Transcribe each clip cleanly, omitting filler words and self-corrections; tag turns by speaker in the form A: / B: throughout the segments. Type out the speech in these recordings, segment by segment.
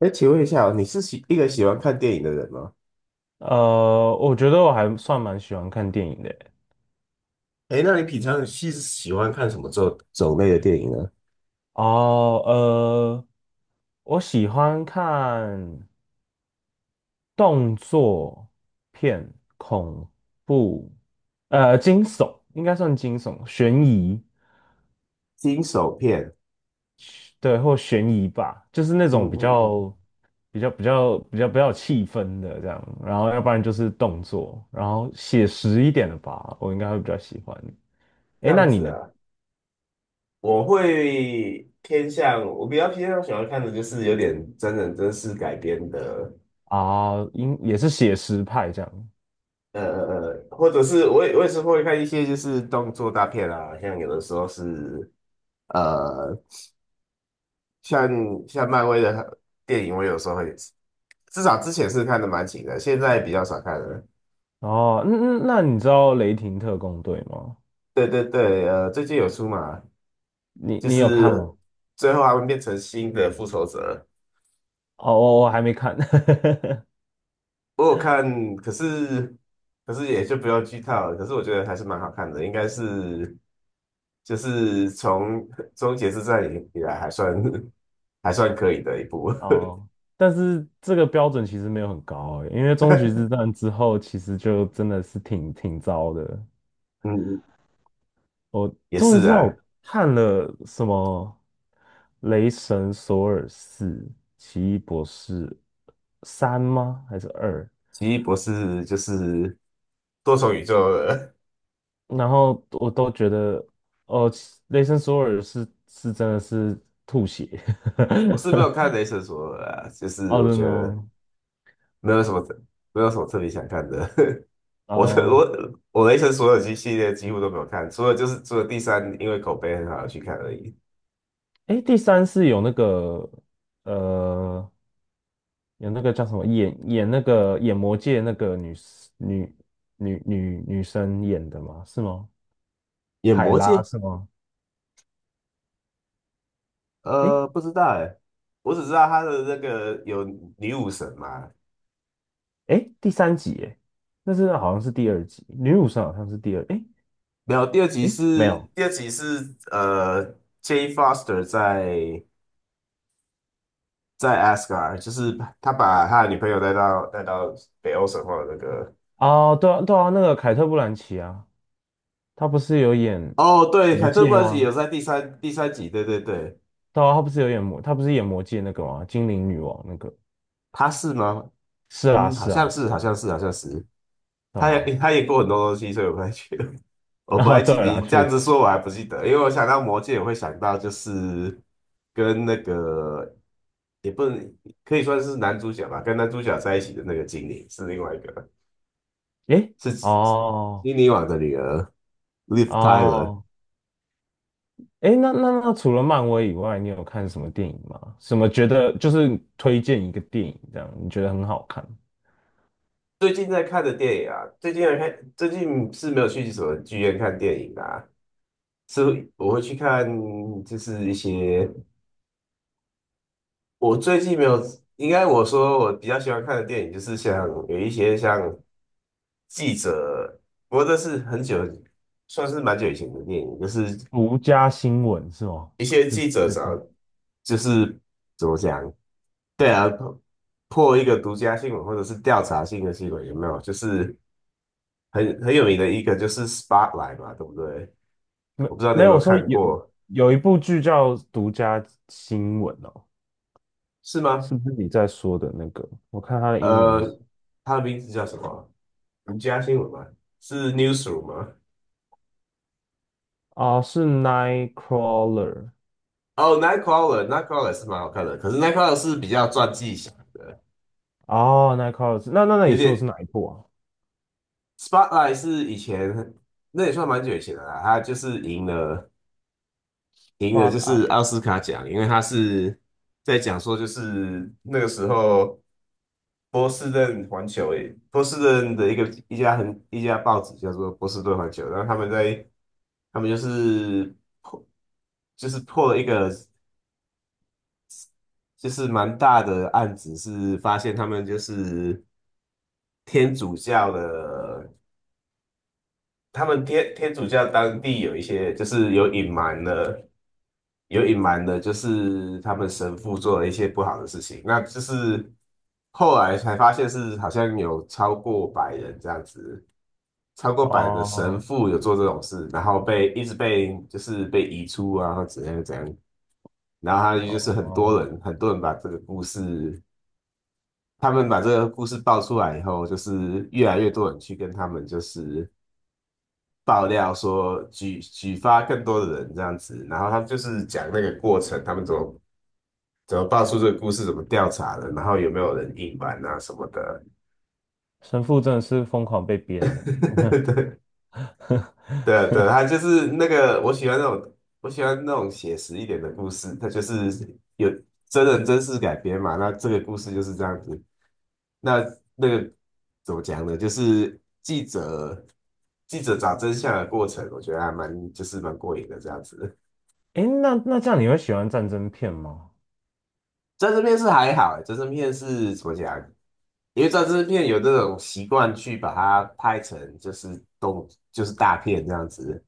A: 哎，请问一下哦你是喜一个喜欢看电影的人吗？
B: 我觉得我还算蛮喜欢看电影的欸。
A: 哎，那你平常是喜欢看什么种类的电影呢？
B: 哦，我喜欢看动作片、恐怖，惊悚应该算惊悚，悬疑，
A: 惊悚片。
B: 对，或悬疑吧，就是那
A: 嗯
B: 种比
A: 嗯
B: 较、
A: 嗯。
B: 比较、比较、比较、比较有气氛的这样。然后，要不然就是动作，然后写实一点的吧，我应该会比较喜欢。
A: 这
B: 诶，那
A: 样
B: 你
A: 子
B: 呢？
A: 啊。我比较偏向喜欢看的就是有点真人真事改编的。
B: 啊，应也是写实派这样。
A: 或者是我也是会看一些就是动作大片啊，像有的时候是呃，像像漫威的电影，我有时候会，至少之前是看的蛮勤的，现在比较少看了。
B: 哦，那你知道《雷霆特工队》吗？
A: 对对对，最近有出嘛，
B: 你
A: 就
B: 你有看
A: 是
B: 吗？
A: 最后他们变成新的复仇者，
B: 哦，我还没看。
A: 我有看，可是也就不要剧透了，可是我觉得还是蛮好看的，应该是就是从 终结之战以来还算 还算可以的一部。
B: 哦，但是这个标准其实没有很高诶，因为终局之战之后，其实就真的是挺糟的。
A: 嗯。
B: 我
A: 也
B: 终于
A: 是
B: 知道
A: 啊。
B: 我看了什么《雷神索尔四》《奇异博士三》吗？还是二？
A: 奇异博士就是多重宇宙了。
B: 然后我都觉得，哦，雷神索尔是真的是吐血
A: 我是没
B: ，I
A: 有看雷神索尔啊，就是
B: don't
A: 我觉
B: n
A: 得
B: o。
A: 没有什么没有什么特别想看的。我是
B: 哦，
A: 我我雷神所有系列几乎都没有看，除了第三，因为口碑很好而去看而已。
B: 哎，第三是有那个呃，有那个叫什么演那个演魔界那个女 s- 女女女女生演的吗？是吗？
A: 演
B: 海
A: 魔
B: 拉
A: 戒？
B: 是吗？哎
A: 不知道哎。我只知道他的那个有女武神嘛。
B: 哎，第三集哎，那是好像是第二集，女武神好像是第二，哎
A: 没有，第二集
B: 哎，没
A: 是
B: 有。
A: 第二集是j a n Foster 在 Asgard，就是他把他的女朋友带到北欧神话的那个。
B: 哦，对啊对啊，那个凯特·布兰奇啊。他不是有演
A: 哦，对，
B: 魔
A: 凯特·布
B: 戒
A: 兰奇有
B: 吗？
A: 在第三集，对对对。
B: 对啊，他不是有演魔，他不是演魔戒那个吗？精灵女王那个。
A: 他是吗？
B: 是啊，
A: 嗯，好
B: 是啊，
A: 像是，
B: 是
A: 好
B: 啊，
A: 像是，好像是。
B: 对
A: 他
B: 啊。
A: 也 他也过很多东西，所以我不太记得。我不
B: 啊，
A: 太
B: 对
A: 记得，
B: 啦，
A: 你这
B: 确
A: 样子
B: 实。
A: 说我还不记得，因为我想到魔戒，我会想到就是跟那个也不能可以算是男主角吧，跟男主角在一起的那个精灵是另外一个，
B: 诶，
A: 是
B: 哦，
A: 精灵王的女儿 Liv Tyler。
B: 哦，诶，那除了漫威以外，你有看什么电影吗？什么觉得就是推荐一个电影这样，你觉得很好看？
A: 最近在看的电影啊，最近是没有去什么剧院看电影啊，是我会去看就是一些。我最近没有，我说我比较喜欢看的电影就是像有一些像记者，不过这是很久，算是蛮久以前的电影，就是
B: 独家新闻是吗？
A: 一些
B: 是
A: 记者
B: 这
A: 找，
B: 部？
A: 就是怎么讲。对啊，破一个独家新闻或者是调查性的新闻有没有？就是很有名的一个就是 Spotlight 嘛，对不对？
B: 没
A: 我不知道你
B: 没
A: 有没
B: 有，
A: 有
B: 我说
A: 看
B: 有
A: 过。
B: 有一部剧叫《独家新闻》哦。
A: 是吗？
B: 是不是你在说的那个？我看他的英文是
A: 呃，它的名字叫什么？独家新闻吗？是 Newsroom 吗？
B: 啊，是 Nightcrawler。
A: 哦，Nightcrawler，Nightcrawler 是蛮好看的，可是 Nightcrawler 是比较传记型的，
B: 哦，Nightcrawler， 那你
A: 有
B: 说的是
A: 点
B: 哪一部啊
A: Spotlight 是以前那也算蛮久以前的啦，他就是赢了就
B: ？Blood e
A: 是奥斯卡奖，因为他是在讲说就是那个时候波士顿环球诶，波士顿的一个一家报纸叫做波士顿环球，然后他们就是破破了一个就是蛮大的案子，是发现他们就是。天主教的，他们天主教当地有一些就是有隐瞒的，有隐瞒的，就是他们神父做了一些不好的事情，那就是后来才发现是好像有超过百人这样子，超过百的神
B: 哦
A: 父有做这种事，然后被一直被就是被移出啊，或怎样怎样，然后他就是很多
B: 哦，
A: 人很多人把这个故事。他们把这个故事爆出来以后，就是越来越多人去跟他们就是爆料说举发更多的人这样子，然后他就是讲那个过程，他们怎么爆出这个故事，怎么调查的，然后有没有人隐瞒啊什么的。
B: 神父真的是疯狂被 编呢。
A: 对对 对，他就是那个我喜欢那种写实一点的故事，他就是有真人真事改编嘛。那这个故事就是这样子。那那个怎么讲呢？就是记者找真相的过程，我觉得还蛮就是蛮过瘾的这样子。
B: 诶，那这样你会喜欢战争片吗？
A: 战争片是还好欸，战争片是怎么讲？因为战争片有这种习惯去把它拍成就是动就是大片这样子，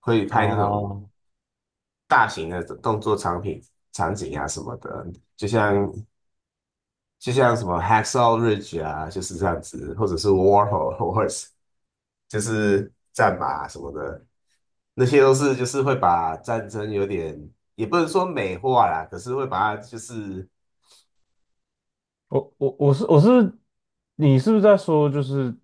A: 会拍那种
B: 哦，
A: 大型的动作场景啊什么的，就像就像什么《Hacksaw Ridge》啊，就是这样子，或者是《War Horse》，就是战马啊什么的，那些都是就是会把战争有点也不能说美化啦，可是会把它就是
B: 我是，你是不是在说就是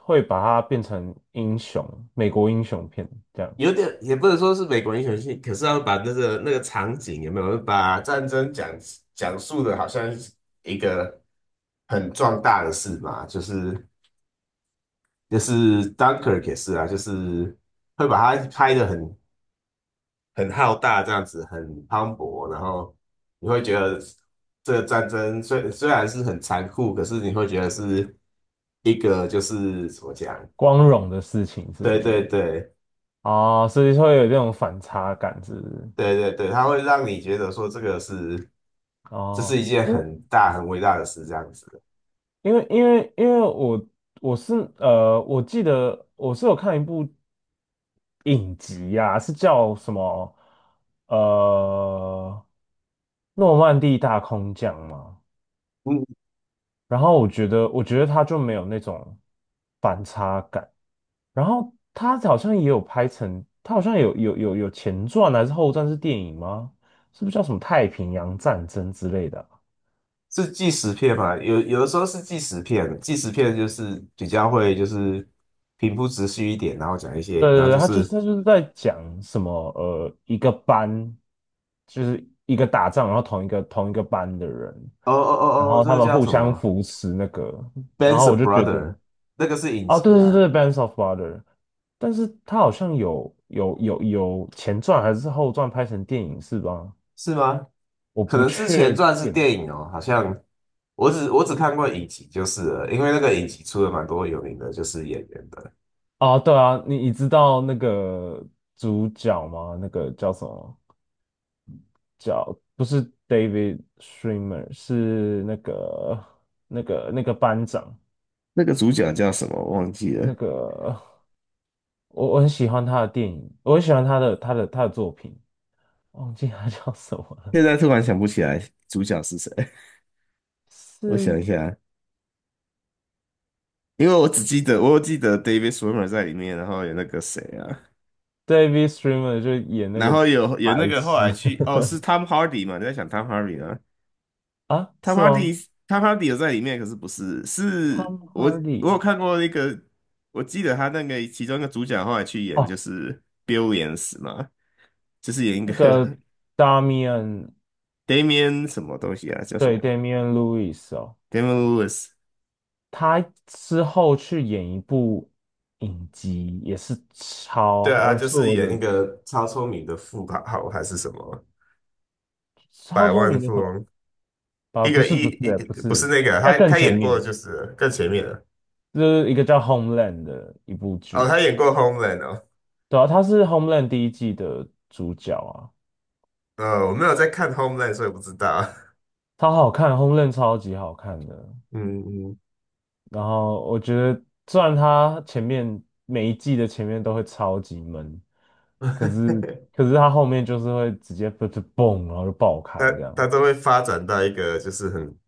B: 会把它变成英雄，美国英雄片这样
A: 有点也不能说是美国英雄戏，可是要把那个场景有没有把战争讲述的好像是一个很壮大的事嘛，就是 Dunkirk 也是啊，就是会把它拍的很浩大这样子，很磅礴，然后你会觉得这个战争虽然是很残酷，可是你会觉得是一个就是怎么讲？
B: 光荣的事情，是不
A: 对
B: 是？
A: 对对
B: 哦，所以会有这种反差感，是不是？
A: 对对对，它会让你觉得说这个是。这
B: 哦，
A: 是一件
B: 因
A: 很大很伟大的事，这样子的。
B: 因为我是我记得我是有看一部影集呀、是叫什么呃诺曼底大空降嘛。
A: 嗯。
B: 然后我觉得他就没有那种反差感。然后他好像也有拍成，他好像有前传还是后传是电影吗？是不是叫什么太平洋战争之类的啊？
A: 是纪实片嘛？有的时候是纪实片，纪实片就是比较会就是平铺直叙一点，然后讲一些，
B: 对对
A: 然后
B: 对，
A: 就
B: 他就是
A: 是
B: 他就是在讲什么一个班就是一个打仗，然后同一个班的人，
A: 哦哦
B: 然
A: 哦哦，
B: 后
A: 这
B: 他
A: 个
B: 们
A: 叫
B: 互
A: 什
B: 相
A: 么
B: 扶持那个，然
A: ？Ben's
B: 后
A: a
B: 我就觉得，
A: Brother？那个是影
B: 哦，对
A: 集
B: 对
A: 啊。
B: 对，Bands of b r o t e r。 但是他好像有前传还是后传拍成电影是吧？
A: 是吗？
B: 我
A: 可
B: 不
A: 能是前
B: 确
A: 传是
B: 定。
A: 电影哦，好像我只看过影集就是了，因为那个影集出了蛮多有名的就是演员的。
B: 哦，对啊，你知道那个主角吗？那个叫什么？叫不是 David Schwimmer，是那个班长，
A: 那个主角叫什么？忘记了，
B: 那个我很喜欢他的电影，我很喜欢他的他的作品，忘记他 叫什么了，
A: 现在突然想不起来主角是谁。我想
B: 是
A: 一下，因为我只记得，我有记得 David s w i m m e r 在里面，然后有那个谁啊，
B: David Schwimmer 就演那
A: 然
B: 个
A: 后有
B: 白
A: 有那个后
B: 痴。
A: 来去。哦，是 Tom Hardy 嘛？你在想 Tom Hardy 啊
B: 啊，
A: ？Tom
B: 是哦
A: Hardy，Tom Hardy 有在里面，可是不是，是
B: ，Tom
A: 我有
B: Hardy
A: 看过那个，我记得他那个其中一个主角后来去演
B: 哦，
A: 就是 Bill n s 嘛，就是演一
B: 那个
A: 个
B: Damian，
A: Damian 什么东西啊，叫什
B: 对
A: 么
B: Damian Lewis 哦。
A: Damian Lewis。
B: 他之后去演一部影集，也是
A: 对
B: 超，
A: 啊，他
B: 我
A: 就
B: 是
A: 是
B: 我
A: 演一
B: 的
A: 个超聪明的富豪还是什么
B: 超
A: 百
B: 聪
A: 万
B: 明的
A: 富
B: 什么？
A: 翁
B: 啊，
A: 一
B: 不
A: 个
B: 是
A: 一
B: 不是
A: 一
B: 不
A: 不是
B: 是，
A: 那个，
B: 在
A: 他
B: 更
A: 他
B: 前
A: 演
B: 面，
A: 过的就是更前面的
B: 就是一个叫《Homeland》的一部
A: 哦。
B: 剧，
A: 他演过《Homeland》哦。
B: 对啊，他是《Homeland》第一季的主角啊，
A: 我没有在看《Homeland》，所以不知道。
B: 超好看，《Homeland》超级好看的。
A: 嗯
B: 然后我觉得，虽然他前面每一季的前面都会超级闷，可
A: 嗯。
B: 是 可是他后面就是会直接 嘣嘣嘣，然后就爆开
A: 他
B: 这
A: 他
B: 样。
A: 都会发展到一个就是很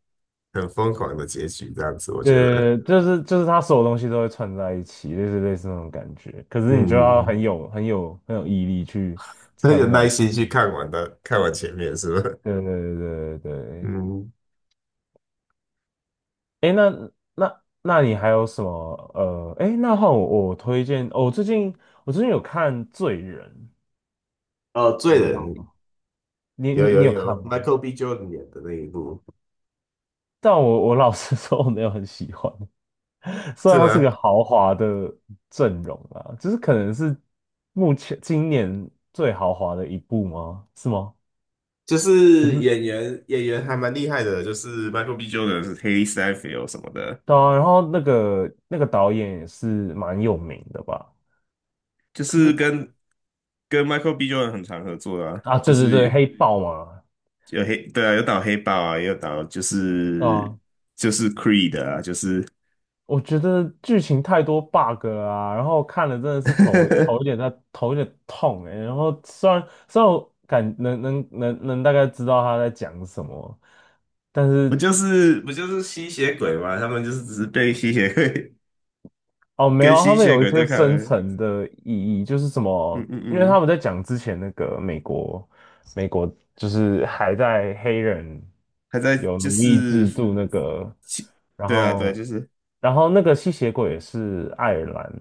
A: 很疯狂的结局这样子，我觉得。
B: 对，就是他所有东西都会串在一起，类似那种感觉。可
A: 嗯。
B: 是你就要很有毅力去，
A: 很有耐心去看完的，看完前面是吧？
B: 对对对对对。
A: 嗯。
B: 哎，那你还有什么？哎，那换我推荐，哦，我最近有看《罪人》，
A: 哦，《罪
B: 你知
A: 人》，
B: 道？你
A: 有
B: 你你
A: 有
B: 有看
A: 有
B: 吗？
A: ，Michael B. Jordan 演的那一部。
B: 但我老实 说，我没有很喜欢。虽
A: 是
B: 然它是
A: 吗？
B: 个豪华的阵容啊，就是可能是目前今年最豪华的一部吗？是吗？
A: 就是
B: 是。
A: 演员还蛮厉害的，就是 Michael B. Jordan 是 h a l e Steinfeld 什么的。
B: 对啊，然后那个导演也是蛮有名的吧？
A: 就
B: 可
A: 是
B: 是
A: 跟 Michael B. Jordan 很常合作啊，
B: 啊，
A: 就
B: 对对对，
A: 是
B: 黑豹嘛。
A: 对啊，有打黑豹啊，也有打就是
B: 啊，
A: 就是 Creed 啊，就是
B: 我觉得剧情太多 bug 了啊，然后看了真的是头 有点在头有点痛哎、然后虽然我感能大概知道他在讲什么，但
A: 不
B: 是
A: 就是不就是吸血鬼嘛？他们就是只是被吸血鬼
B: 哦，没
A: 跟
B: 有啊他
A: 吸
B: 们
A: 血
B: 有一
A: 鬼
B: 些
A: 对抗
B: 深
A: 而已。
B: 层的意义，就是什
A: 嗯
B: 么？
A: 嗯
B: 因为他
A: 嗯。
B: 们在讲之前那个美国，美国就是还在黑人
A: 还在
B: 有
A: 就
B: 奴役
A: 是
B: 制度那个，
A: 吸，
B: 然
A: 对啊对啊，就
B: 后，
A: 是
B: 然后那个吸血鬼也是爱尔兰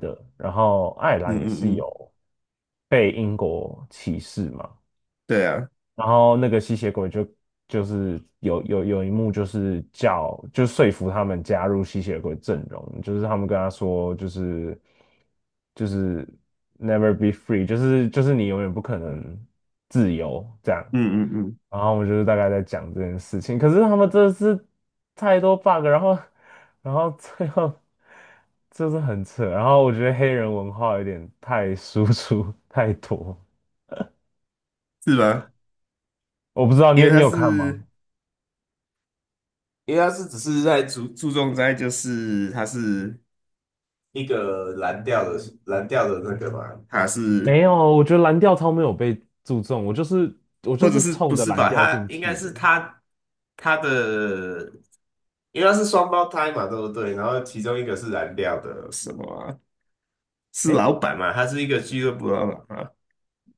B: 的，然后爱尔
A: 嗯
B: 兰也是
A: 嗯嗯，
B: 有被英国歧视嘛，
A: 对啊，
B: 然后那个吸血鬼就是有一幕就是叫就说服他们加入吸血鬼阵容，就是他们跟他说就是 never be free，就是你永远不可能自由这样。
A: 嗯嗯嗯，
B: 然后我们就是大概在讲这件事情，可是他们真的是太多 bug，然后最后就是很扯，然后我觉得黑人文化有点太输出太多，
A: 是吧？
B: 我不知道你
A: 因为
B: 有你
A: 他
B: 有看吗？
A: 是因为他是只是在注重在就是他是。一个蓝调的那个嘛，它是
B: 没有，我觉得蓝调超没有被注重，我就是我
A: 或
B: 就
A: 者
B: 是
A: 是不
B: 冲着
A: 是
B: 蓝
A: 吧？
B: 调
A: 他
B: 进
A: 应该
B: 去的。
A: 是他的，因为它是双胞胎嘛，对不对？然后其中一个是蓝调的什么啊？是
B: 诶，
A: 老板嘛？他是一个俱乐部老板啊，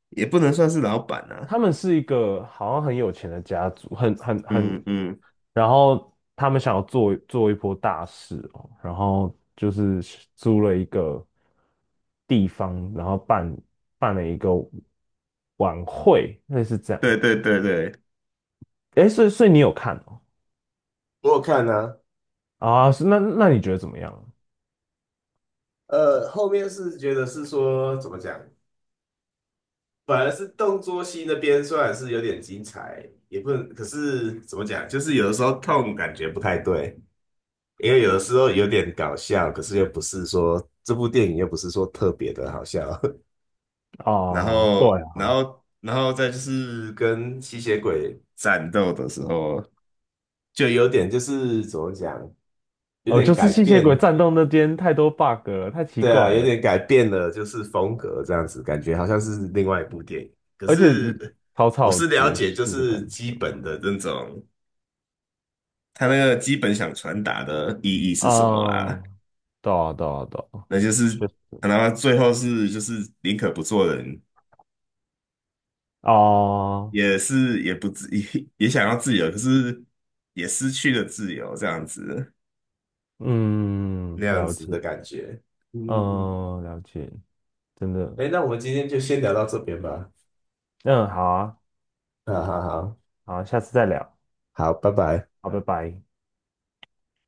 A: 也不能算是老板啊。
B: 他们是一个好像很有钱的家族，很很很，
A: 嗯嗯，
B: 然后他们想要做一波大事哦，然后就是租了一个地方，然后办了一个晚会，类似这样。
A: 对对对对，
B: 诶，所以你有看哦？
A: 我有看啊。
B: 啊，是那你觉得怎么样？
A: 后面是觉得是说怎么讲，反而是动作戏那边算是有点精彩，也不能，可是怎么讲，就是有的时候痛感觉不太对。因为有的时候有点搞笑，可是又不是说这部电影又不是说特别的好笑。然
B: 啊，对
A: 后然
B: 啊。
A: 后然后再就是跟吸血鬼战斗的时候，就有点就是怎么讲，有
B: 哦，就
A: 点
B: 是
A: 改
B: 吸血鬼
A: 变，
B: 战斗那边太多 bug 了，太奇
A: 对啊，
B: 怪
A: 有
B: 了，
A: 点改变了就是风格这样子，感觉好像是另外一部电影。可
B: 而且
A: 是
B: 草
A: 我
B: 草
A: 是了
B: 结
A: 解就
B: 束的感
A: 是基
B: 觉嘛。
A: 本的那种，他那个基本想传达的意义是什么
B: 啊，
A: 啦。
B: 对啊，对啊，对啊，
A: 那就是
B: 确实
A: 可能最后是就是宁可不做人，
B: 啊，
A: 也是也不自 也想要自由，可是也失去了自由，这样子。
B: 嗯，
A: 那样
B: 了
A: 子的
B: 解，
A: 感觉。嗯嗯嗯。
B: 嗯，了解，真的，
A: 哎，那我们今天就先聊到这边吧。
B: 嗯，好啊，
A: 好好好
B: 好啊下次再聊，
A: 好，拜拜。
B: 好，拜拜。